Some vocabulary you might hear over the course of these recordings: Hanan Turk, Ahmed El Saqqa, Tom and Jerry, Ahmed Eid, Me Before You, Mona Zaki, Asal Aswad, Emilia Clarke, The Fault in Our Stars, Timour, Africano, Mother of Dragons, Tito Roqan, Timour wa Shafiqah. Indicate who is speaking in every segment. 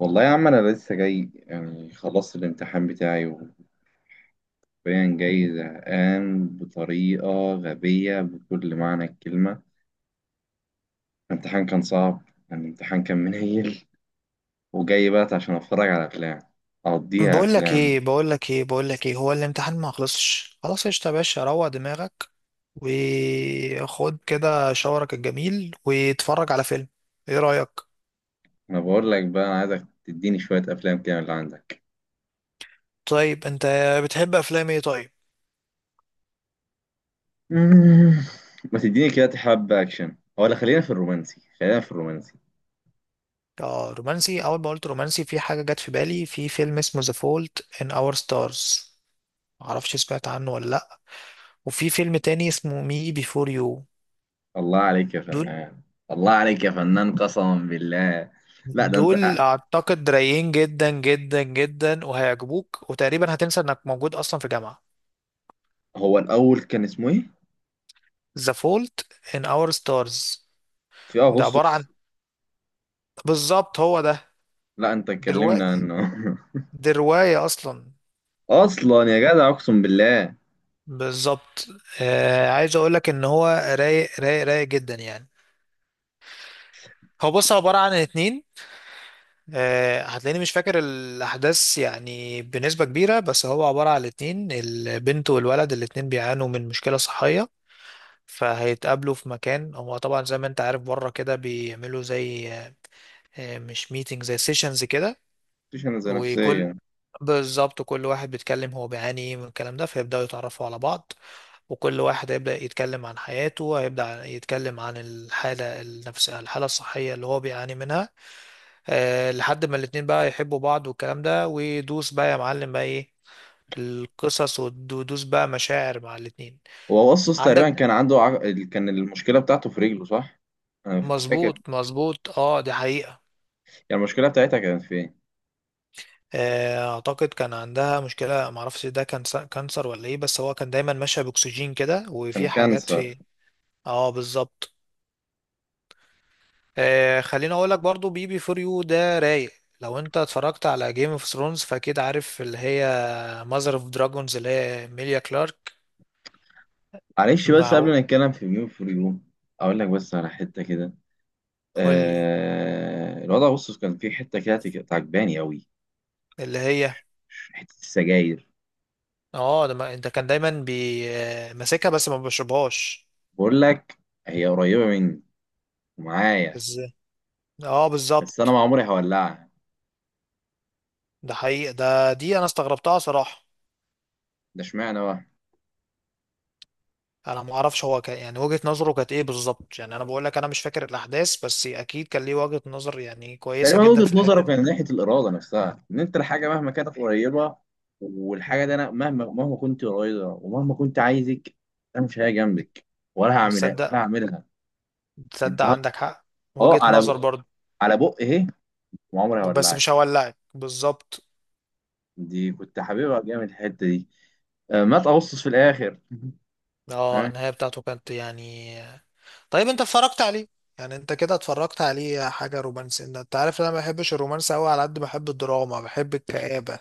Speaker 1: والله يا عم انا لسه جاي، يعني خلصت الامتحان بتاعي وبين جاي زهقان بطريقه غبيه بكل معنى الكلمه. الامتحان كان صعب، يعني الامتحان كان منيل. وجاي بقى عشان اتفرج على افلام، اقضيها
Speaker 2: بقول لك ايه
Speaker 1: افلام.
Speaker 2: بقول لك ايه بقول لك ايه هو الامتحان ما خلصش. خلاص قشطة يا باشا، روق دماغك وخد كده شاورك الجميل واتفرج على فيلم. ايه رأيك؟
Speaker 1: انا بقول لك بقى، انا عايزك تديني شويه افلام كده من اللي عندك.
Speaker 2: طيب انت بتحب افلام ايه؟ طيب
Speaker 1: مم. ما تديني كده حبه اكشن، ولا خلينا في الرومانسي، خلينا في الرومانسي.
Speaker 2: اه رومانسي. اول ما قلت رومانسي في حاجة جت في بالي، في فيلم اسمه The Fault in Our Stars. معرفش سمعت عنه ولا لا. وفي فيلم تاني اسمه مي بيفور يو.
Speaker 1: الله عليك يا
Speaker 2: دول
Speaker 1: فنان. الله عليك يا فنان قسما بالله. لا ده انت،
Speaker 2: دول اعتقد رايقين جدا جدا جدا، وهيعجبوك وتقريبا هتنسى انك موجود اصلا في جامعة.
Speaker 1: هو الاول كان اسمه ايه؟
Speaker 2: ذا فولت ان اور ستارز.
Speaker 1: في
Speaker 2: ده عبارة عن،
Speaker 1: اغسطس.
Speaker 2: بالظبط هو ده.
Speaker 1: لا انت
Speaker 2: دي رواية
Speaker 1: اتكلمنا عنه
Speaker 2: دي رواية أصلا.
Speaker 1: اصلا يا جدع اقسم بالله.
Speaker 2: بالظبط. عايز أقول لك إن هو رايق رايق رايق جدا يعني. هو بص عبارة عن اتنين. هتلاقيني مش فاكر الأحداث يعني بنسبة كبيرة، بس هو عبارة عن اتنين، البنت والولد، الاتنين بيعانوا من مشكلة صحية. فهيتقابلوا في مكان. هو طبعا زي ما انت عارف بره كده بيعملوا زي مش ميتنج، زي سيشنز كده.
Speaker 1: مفيش انا زي
Speaker 2: وكل،
Speaker 1: نفسيا.
Speaker 2: بالظبط كل واحد بيتكلم هو بيعاني ايه من الكلام ده، فيبداوا يتعرفوا على بعض. وكل واحد هيبدا يتكلم عن حياته، هيبدا يتكلم عن الحاله النفسيه، الحاله الصحيه اللي هو بيعاني منها. لحد ما الاتنين بقى يحبوا بعض والكلام ده، ويدوس بقى يا معلم بقى ايه القصص، ودوس بقى مشاعر مع الاتنين.
Speaker 1: هو اغسطس
Speaker 2: عندك.
Speaker 1: تقريبا كان عنده كان المشكله بتاعته في رجله صح؟ انا فاكر.
Speaker 2: مظبوط مظبوط، اه دي حقيقة.
Speaker 1: يعني المشكله بتاعتها كانت في ايه؟
Speaker 2: اعتقد كان عندها مشكلة. معرفش ده كان كانسر ولا ايه، بس هو كان دايما ماشية باكسجين كده وفي
Speaker 1: كان
Speaker 2: حاجات
Speaker 1: كانسر.
Speaker 2: في. اه بالظبط. خليني اقول لك برضو بي بي فور يو ده رايق. لو انت اتفرجت على جيم اوف ثرونز، فاكيد عارف اللي هي ماذر اوف دراجونز، اللي هي ميليا كلارك.
Speaker 1: معلش، بس قبل
Speaker 2: مع.
Speaker 1: ما نتكلم في ميون فور يو، اقول لك بس على حته كده.
Speaker 2: قول لي.
Speaker 1: الوضع اغسطس كان فيه حته كده عجباني قوي.
Speaker 2: اللي هي.
Speaker 1: حته السجاير،
Speaker 2: اه ده انت كان دايما بي ماسكها بس ما بشربهاش.
Speaker 1: بقول لك، هي قريبه مني ومعايا
Speaker 2: ازاي. اه
Speaker 1: بس انا
Speaker 2: بالظبط.
Speaker 1: ما عمري هولعها.
Speaker 2: ده حقيقي، ده دي انا استغربتها صراحة.
Speaker 1: ده اشمعنى بقى؟
Speaker 2: انا ما اعرفش هو كان يعني وجهة نظره كانت ايه بالظبط. يعني انا بقول لك انا مش فاكر الاحداث، بس اكيد كان ليه وجهة نظر يعني كويسة
Speaker 1: تقريبا
Speaker 2: جدا
Speaker 1: وجهة
Speaker 2: في
Speaker 1: نظره
Speaker 2: الحتة دي.
Speaker 1: كان ناحية الإرادة نفسها، إن أنت الحاجة مهما كانت قريبة، والحاجة دي
Speaker 2: مم.
Speaker 1: أنا مهما كنت قريبة ومهما كنت عايزك، أنا مش هي جنبك، ولا هعملها، ولا
Speaker 2: تصدق
Speaker 1: هعملها.
Speaker 2: تصدق
Speaker 1: أنت ه-
Speaker 2: عندك حق.
Speaker 1: أه
Speaker 2: وجهة
Speaker 1: على
Speaker 2: نظر
Speaker 1: ب-
Speaker 2: برضه.
Speaker 1: على بق إيه، وعمري
Speaker 2: بس مش
Speaker 1: هولعك.
Speaker 2: هولعك بالظبط.
Speaker 1: دي كنت حاببها جامد الحتة دي. ما تقصص في الآخر.
Speaker 2: اه
Speaker 1: ها؟
Speaker 2: النهاية بتاعته كانت يعني. طيب انت اتفرجت عليه؟ يعني انت كده اتفرجت عليه حاجة رومانسية. انت عارف ان انا ما بحبش الرومانس قوي على قد ما بحب الدراما، بحب الكآبة.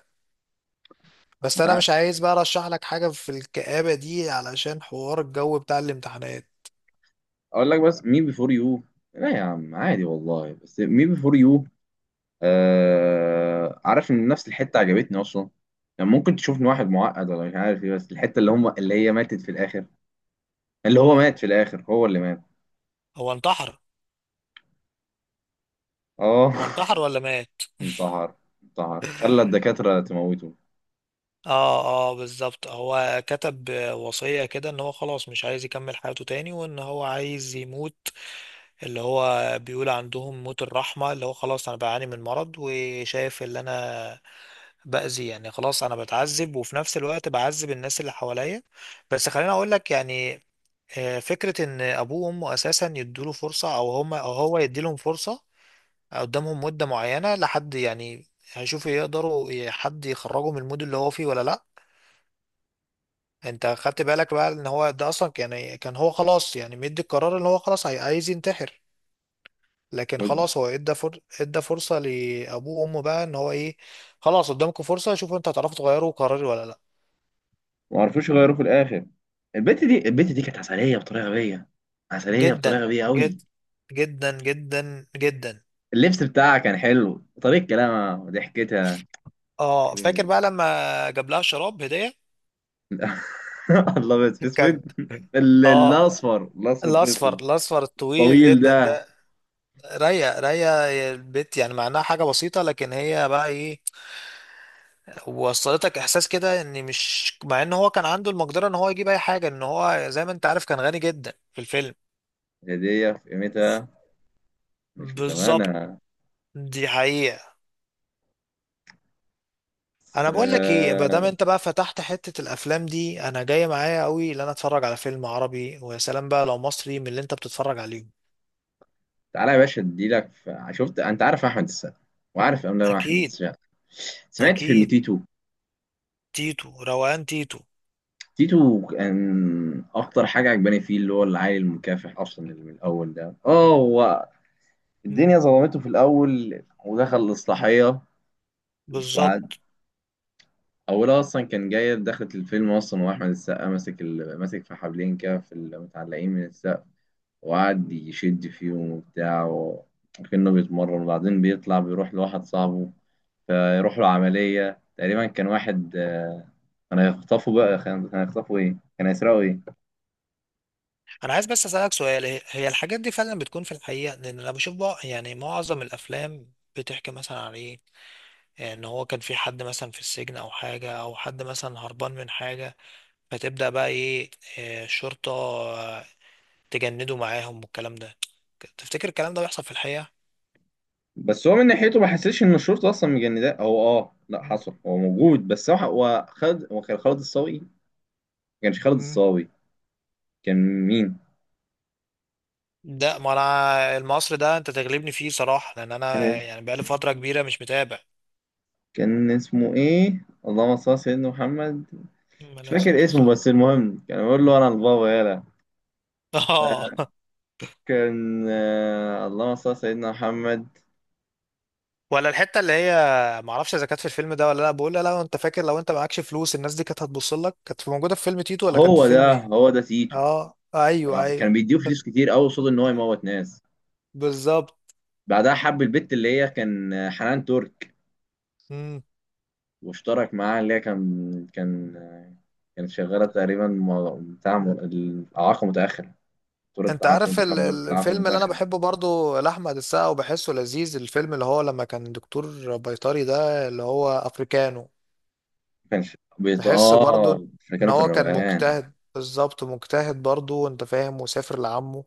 Speaker 2: بس
Speaker 1: أنت
Speaker 2: انا
Speaker 1: عارف،
Speaker 2: مش عايز بقى ارشح لك حاجة في الكآبة دي علشان حوار الجو بتاع الامتحانات.
Speaker 1: أقول لك بس مين بيفور يو. لا يا عم، عادي والله، بس مين بيفور يو. آه، عارف ان نفس الحته عجبتني اصلا. يعني ممكن تشوف ان واحد معقد ولا مش عارف ايه، بس الحته اللي هي ماتت في الاخر، اللي هو
Speaker 2: مم.
Speaker 1: مات في الاخر، هو اللي مات.
Speaker 2: هو انتحر.
Speaker 1: اه.
Speaker 2: هو انتحر ولا مات؟
Speaker 1: انتحر. انتحر، خلى الدكاتره تموته.
Speaker 2: اه. اه بالظبط. هو كتب وصية كده ان هو خلاص مش عايز يكمل حياته تاني وان هو عايز يموت. اللي هو بيقول عندهم موت الرحمة، اللي هو خلاص انا بعاني من مرض وشايف اللي انا بأذي، يعني خلاص انا بتعذب وفي نفس الوقت بعذب الناس اللي حواليا. بس خليني اقول لك يعني فكرة ان ابوه وامه اساسا يدوله فرصة، او هما او هو يديلهم فرصة، قدامهم مدة معينة لحد يعني هيشوفوا يقدروا حد يخرجه من المود اللي هو فيه ولا لا. انت خدت بالك بقى ان هو ده اصلا يعني كان هو خلاص، يعني مدي القرار ان هو خلاص عايز ينتحر. لكن خلاص هو ادى فرصة لابوه وامه بقى ان هو ايه، خلاص قدامكم فرصة شوفوا انتوا هتعرفوا تغيروا قراري ولا لا.
Speaker 1: ما عرفوش يغيروه في الاخر. البت دي كانت عسليه بطريقه غبيه، عسليه
Speaker 2: جدا
Speaker 1: بطريقه غبيه قوي.
Speaker 2: جدا جدا جدا.
Speaker 1: اللبس بتاعها كان حلو، طريقه كلامها وضحكتها.
Speaker 2: اه فاكر بقى لما جاب لها شراب هدية.
Speaker 1: الله، بس في اسود.
Speaker 2: كان. اه
Speaker 1: الاصفر في
Speaker 2: الاصفر
Speaker 1: اسود
Speaker 2: الاصفر الطويل
Speaker 1: طويل
Speaker 2: جدا
Speaker 1: ده.
Speaker 2: ده. رايقه رايقه. البت يعني معناها حاجه بسيطه، لكن هي بقى ايه، وصلتك احساس كده ان، مش مع ان هو كان عنده المقدره ان هو يجيب اي حاجه، ان هو زي ما انت عارف كان غني جدا في الفيلم.
Speaker 1: هدية في قيمتها، مش
Speaker 2: بالظبط.
Speaker 1: بتمنها.
Speaker 2: دي حقيقه.
Speaker 1: بس
Speaker 2: انا بقول لك ايه، ما دام انت بقى فتحت حته الافلام دي، انا جاي معايا قوي ان انا اتفرج على فيلم عربي، ويا سلام بقى لو مصري من اللي انت بتتفرج عليهم.
Speaker 1: تعالى يا باشا شفت انت عارف احمد السقا؟ وعارف افلام احمد
Speaker 2: اكيد.
Speaker 1: السقا؟ سمعت فيلم
Speaker 2: اكيد.
Speaker 1: تيتو؟
Speaker 2: تيتو روقان تيتو.
Speaker 1: تيتو كان اكتر حاجه عجباني فيه اللي هو العيل المكافح اصلا، اللي من الاول ده، اه، هو
Speaker 2: مم،
Speaker 1: الدنيا ظلمته في الاول ودخل الاصلاحيه. وبعد،
Speaker 2: بالظبط.
Speaker 1: اولها اصلا كان جايه، دخلت الفيلم اصلا واحمد السقا ماسك في حبلين كده في المتعلقين من السقا، وقعد يشد فيهم وبتاع وكأنه بيتمرن. وبعدين بيطلع بيروح لواحد صاحبه، فيروح له عملية. تقريبا كان واحد، كان هيخطفه بقى، كان هيخطفه ايه، كان هيسرقه ايه.
Speaker 2: انا عايز بس اسالك سؤال، هي هي الحاجات دي فعلا بتكون في الحقيقه؟ لان انا بشوف بقى يعني معظم الافلام بتحكي مثلا على ايه، ان هو كان في حد مثلا في السجن او حاجة، او حد مثلا هربان من حاجة، فتبدأ بقى ايه الشرطة تجنده معاهم والكلام ده. تفتكر الكلام ده بيحصل في الحقيقة؟
Speaker 1: بس هو من ناحيته ما حسيتش ان الشرطة اصلا مجنداه. هو اه، لا،
Speaker 2: مم.
Speaker 1: حصل، هو موجود. بس هو هو خالد هو كان خالد الصاوي، ما كانش خالد
Speaker 2: مم.
Speaker 1: الصاوي. كان مين؟
Speaker 2: ده ما انا المصري ده انت تغلبني فيه صراحة، لان انا
Speaker 1: كان
Speaker 2: يعني بقالي فترة كبيرة مش متابع.
Speaker 1: كان اسمه ايه؟ اللهم صل على سيدنا محمد. مش
Speaker 2: عليه الصلاة
Speaker 1: فاكر اسمه،
Speaker 2: والسلام.
Speaker 1: بس المهم كان بيقول له انا البابا يالا.
Speaker 2: اه.
Speaker 1: كان اللهم صل على سيدنا محمد.
Speaker 2: ولا الحتة اللي هي، معرفش اذا كانت في الفيلم ده ولا لا، بقول لا لو انت فاكر، لو انت معكش فلوس الناس دي كانت هتبص لك، كانت موجودة في فيلم تيتو ولا كان في فيلم ايه.
Speaker 1: هو ده تيتو.
Speaker 2: اه ايوه
Speaker 1: كان
Speaker 2: ايوه.
Speaker 1: بيديه فلوس كتير قوي قصاد ان هو يموت ناس.
Speaker 2: بالظبط.
Speaker 1: بعدها حب البت اللي هي كان حنان ترك.
Speaker 2: مم.
Speaker 1: واشترك معاها اللي هي كان كانت شغاله تقريبا بتاع الاعاقه متاخره،
Speaker 2: انت عارف
Speaker 1: دكتوره اعاقه
Speaker 2: الفيلم اللي انا
Speaker 1: متاخره.
Speaker 2: بحبه برضو لاحمد السقا وبحسه لذيذ، الفيلم اللي هو لما كان دكتور بيطري ده، اللي هو افريكانو. بحسه
Speaker 1: اه،
Speaker 2: برضو
Speaker 1: احنا
Speaker 2: ان
Speaker 1: كانوا في
Speaker 2: هو كان
Speaker 1: الروقان.
Speaker 2: مجتهد، بالظبط مجتهد برضو انت فاهم، وسافر لعمه،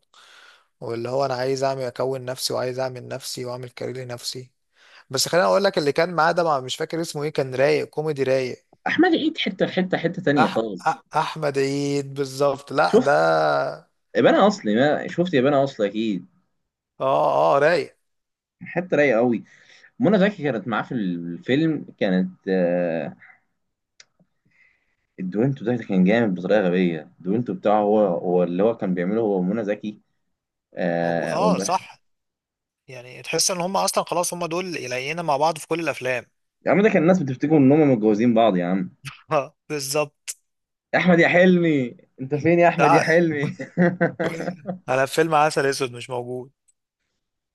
Speaker 2: واللي هو انا عايز اعمل اكون نفسي وعايز اعمل نفسي واعمل كارير لنفسي. بس خليني اقول لك، اللي كان معاه ده مش فاكر اسمه ايه، كان رايق كوميدي رايق.
Speaker 1: احمد عيد حته في حته، حته تانيه
Speaker 2: أح...
Speaker 1: خالص.
Speaker 2: احمد عيد بالظبط. لا
Speaker 1: شفت
Speaker 2: ده.
Speaker 1: ابانا اصلي؟ ما شفت ابانا اصلي اكيد.
Speaker 2: اه اه رايق.
Speaker 1: حته رايقه قوي. منى زكي كانت معاه في الفيلم، كانت الدوينتو ده كان جامد بطريقه غبيه. الدوينتو بتاعه هو، هو اللي كان بيعمله هو ومنى زكي.
Speaker 2: موجود
Speaker 1: آه،
Speaker 2: اه
Speaker 1: والمشهد.
Speaker 2: صح. يعني تحس ان هم اصلا خلاص هم دول يلاقينا مع بعض في كل الافلام.
Speaker 1: يا عم ده كان الناس بتفتكر ان هم متجوزين بعض يا عم.
Speaker 2: اه بالظبط.
Speaker 1: يا احمد يا حلمي انت فين، يا احمد يا
Speaker 2: ده
Speaker 1: حلمي.
Speaker 2: على فيلم عسل اسود مش موجود؟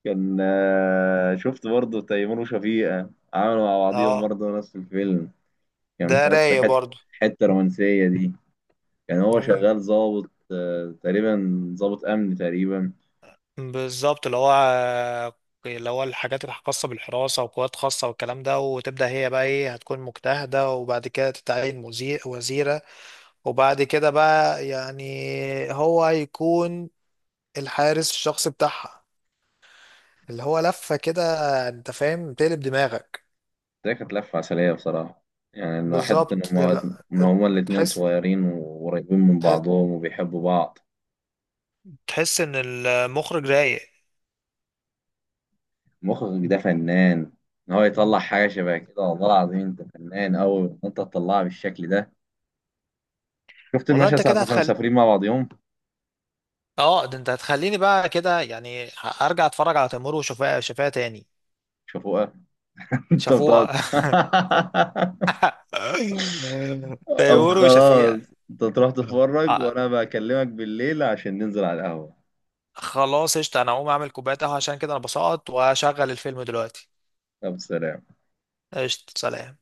Speaker 1: كان آه، شفت برضه تيمور وشفيقة؟ عملوا مع بعضيهم
Speaker 2: اه
Speaker 1: برضه نفس الفيلم. كان
Speaker 2: ده
Speaker 1: بس
Speaker 2: رايق
Speaker 1: حته،
Speaker 2: برضو.
Speaker 1: حته رومانسيه دي. كان هو
Speaker 2: مم.
Speaker 1: شغال ظابط تقريبا ظابط امن تقريبا.
Speaker 2: بالظبط اللي هو، اللي هو الحاجات الخاصة بالحراسة وقوات خاصة والكلام ده، وتبدأ هي بقى ايه، هتكون مجتهدة وبعد كده تتعين وزيرة، وبعد كده بقى يعني هو هيكون الحارس الشخصي بتاعها، اللي هو لفة كده انت فاهم، تقلب دماغك.
Speaker 1: ده كانت لفة عسلية بصراحة. يعني إنه حتة
Speaker 2: بالظبط يعني. لا،
Speaker 1: إن هما الاتنين
Speaker 2: تحس
Speaker 1: صغيرين وقريبين من
Speaker 2: تحس
Speaker 1: بعضهم وبيحبوا بعض.
Speaker 2: تحس ان المخرج رايق.
Speaker 1: مخرج ده فنان، إن هو يطلع
Speaker 2: مم.
Speaker 1: حاجة شبه كده. والله العظيم أنت فنان أوي إن أنت تطلعها بالشكل ده. شفت
Speaker 2: والله
Speaker 1: المشهد
Speaker 2: انت
Speaker 1: ساعة ما
Speaker 2: كده
Speaker 1: كانوا
Speaker 2: هتخل.
Speaker 1: مسافرين مع بعضهم؟
Speaker 2: اه ده انت هتخليني بقى كده يعني ارجع اتفرج على تيمور وشفيقة. شفيقة تاني.
Speaker 1: شافوها. أنت بتقعد.
Speaker 2: شفوقة.
Speaker 1: طب
Speaker 2: تيمور
Speaker 1: خلاص،
Speaker 2: وشفيقة.
Speaker 1: أنت تروح تتفرج
Speaker 2: آه،
Speaker 1: وأنا بكلمك بالليل عشان ننزل على القهوة.
Speaker 2: خلاص قشطة. انا هقوم اعمل كوباية قهوة عشان كده انا بسقط، وهشغل الفيلم دلوقتي.
Speaker 1: طب سلام.
Speaker 2: قشطة سلام.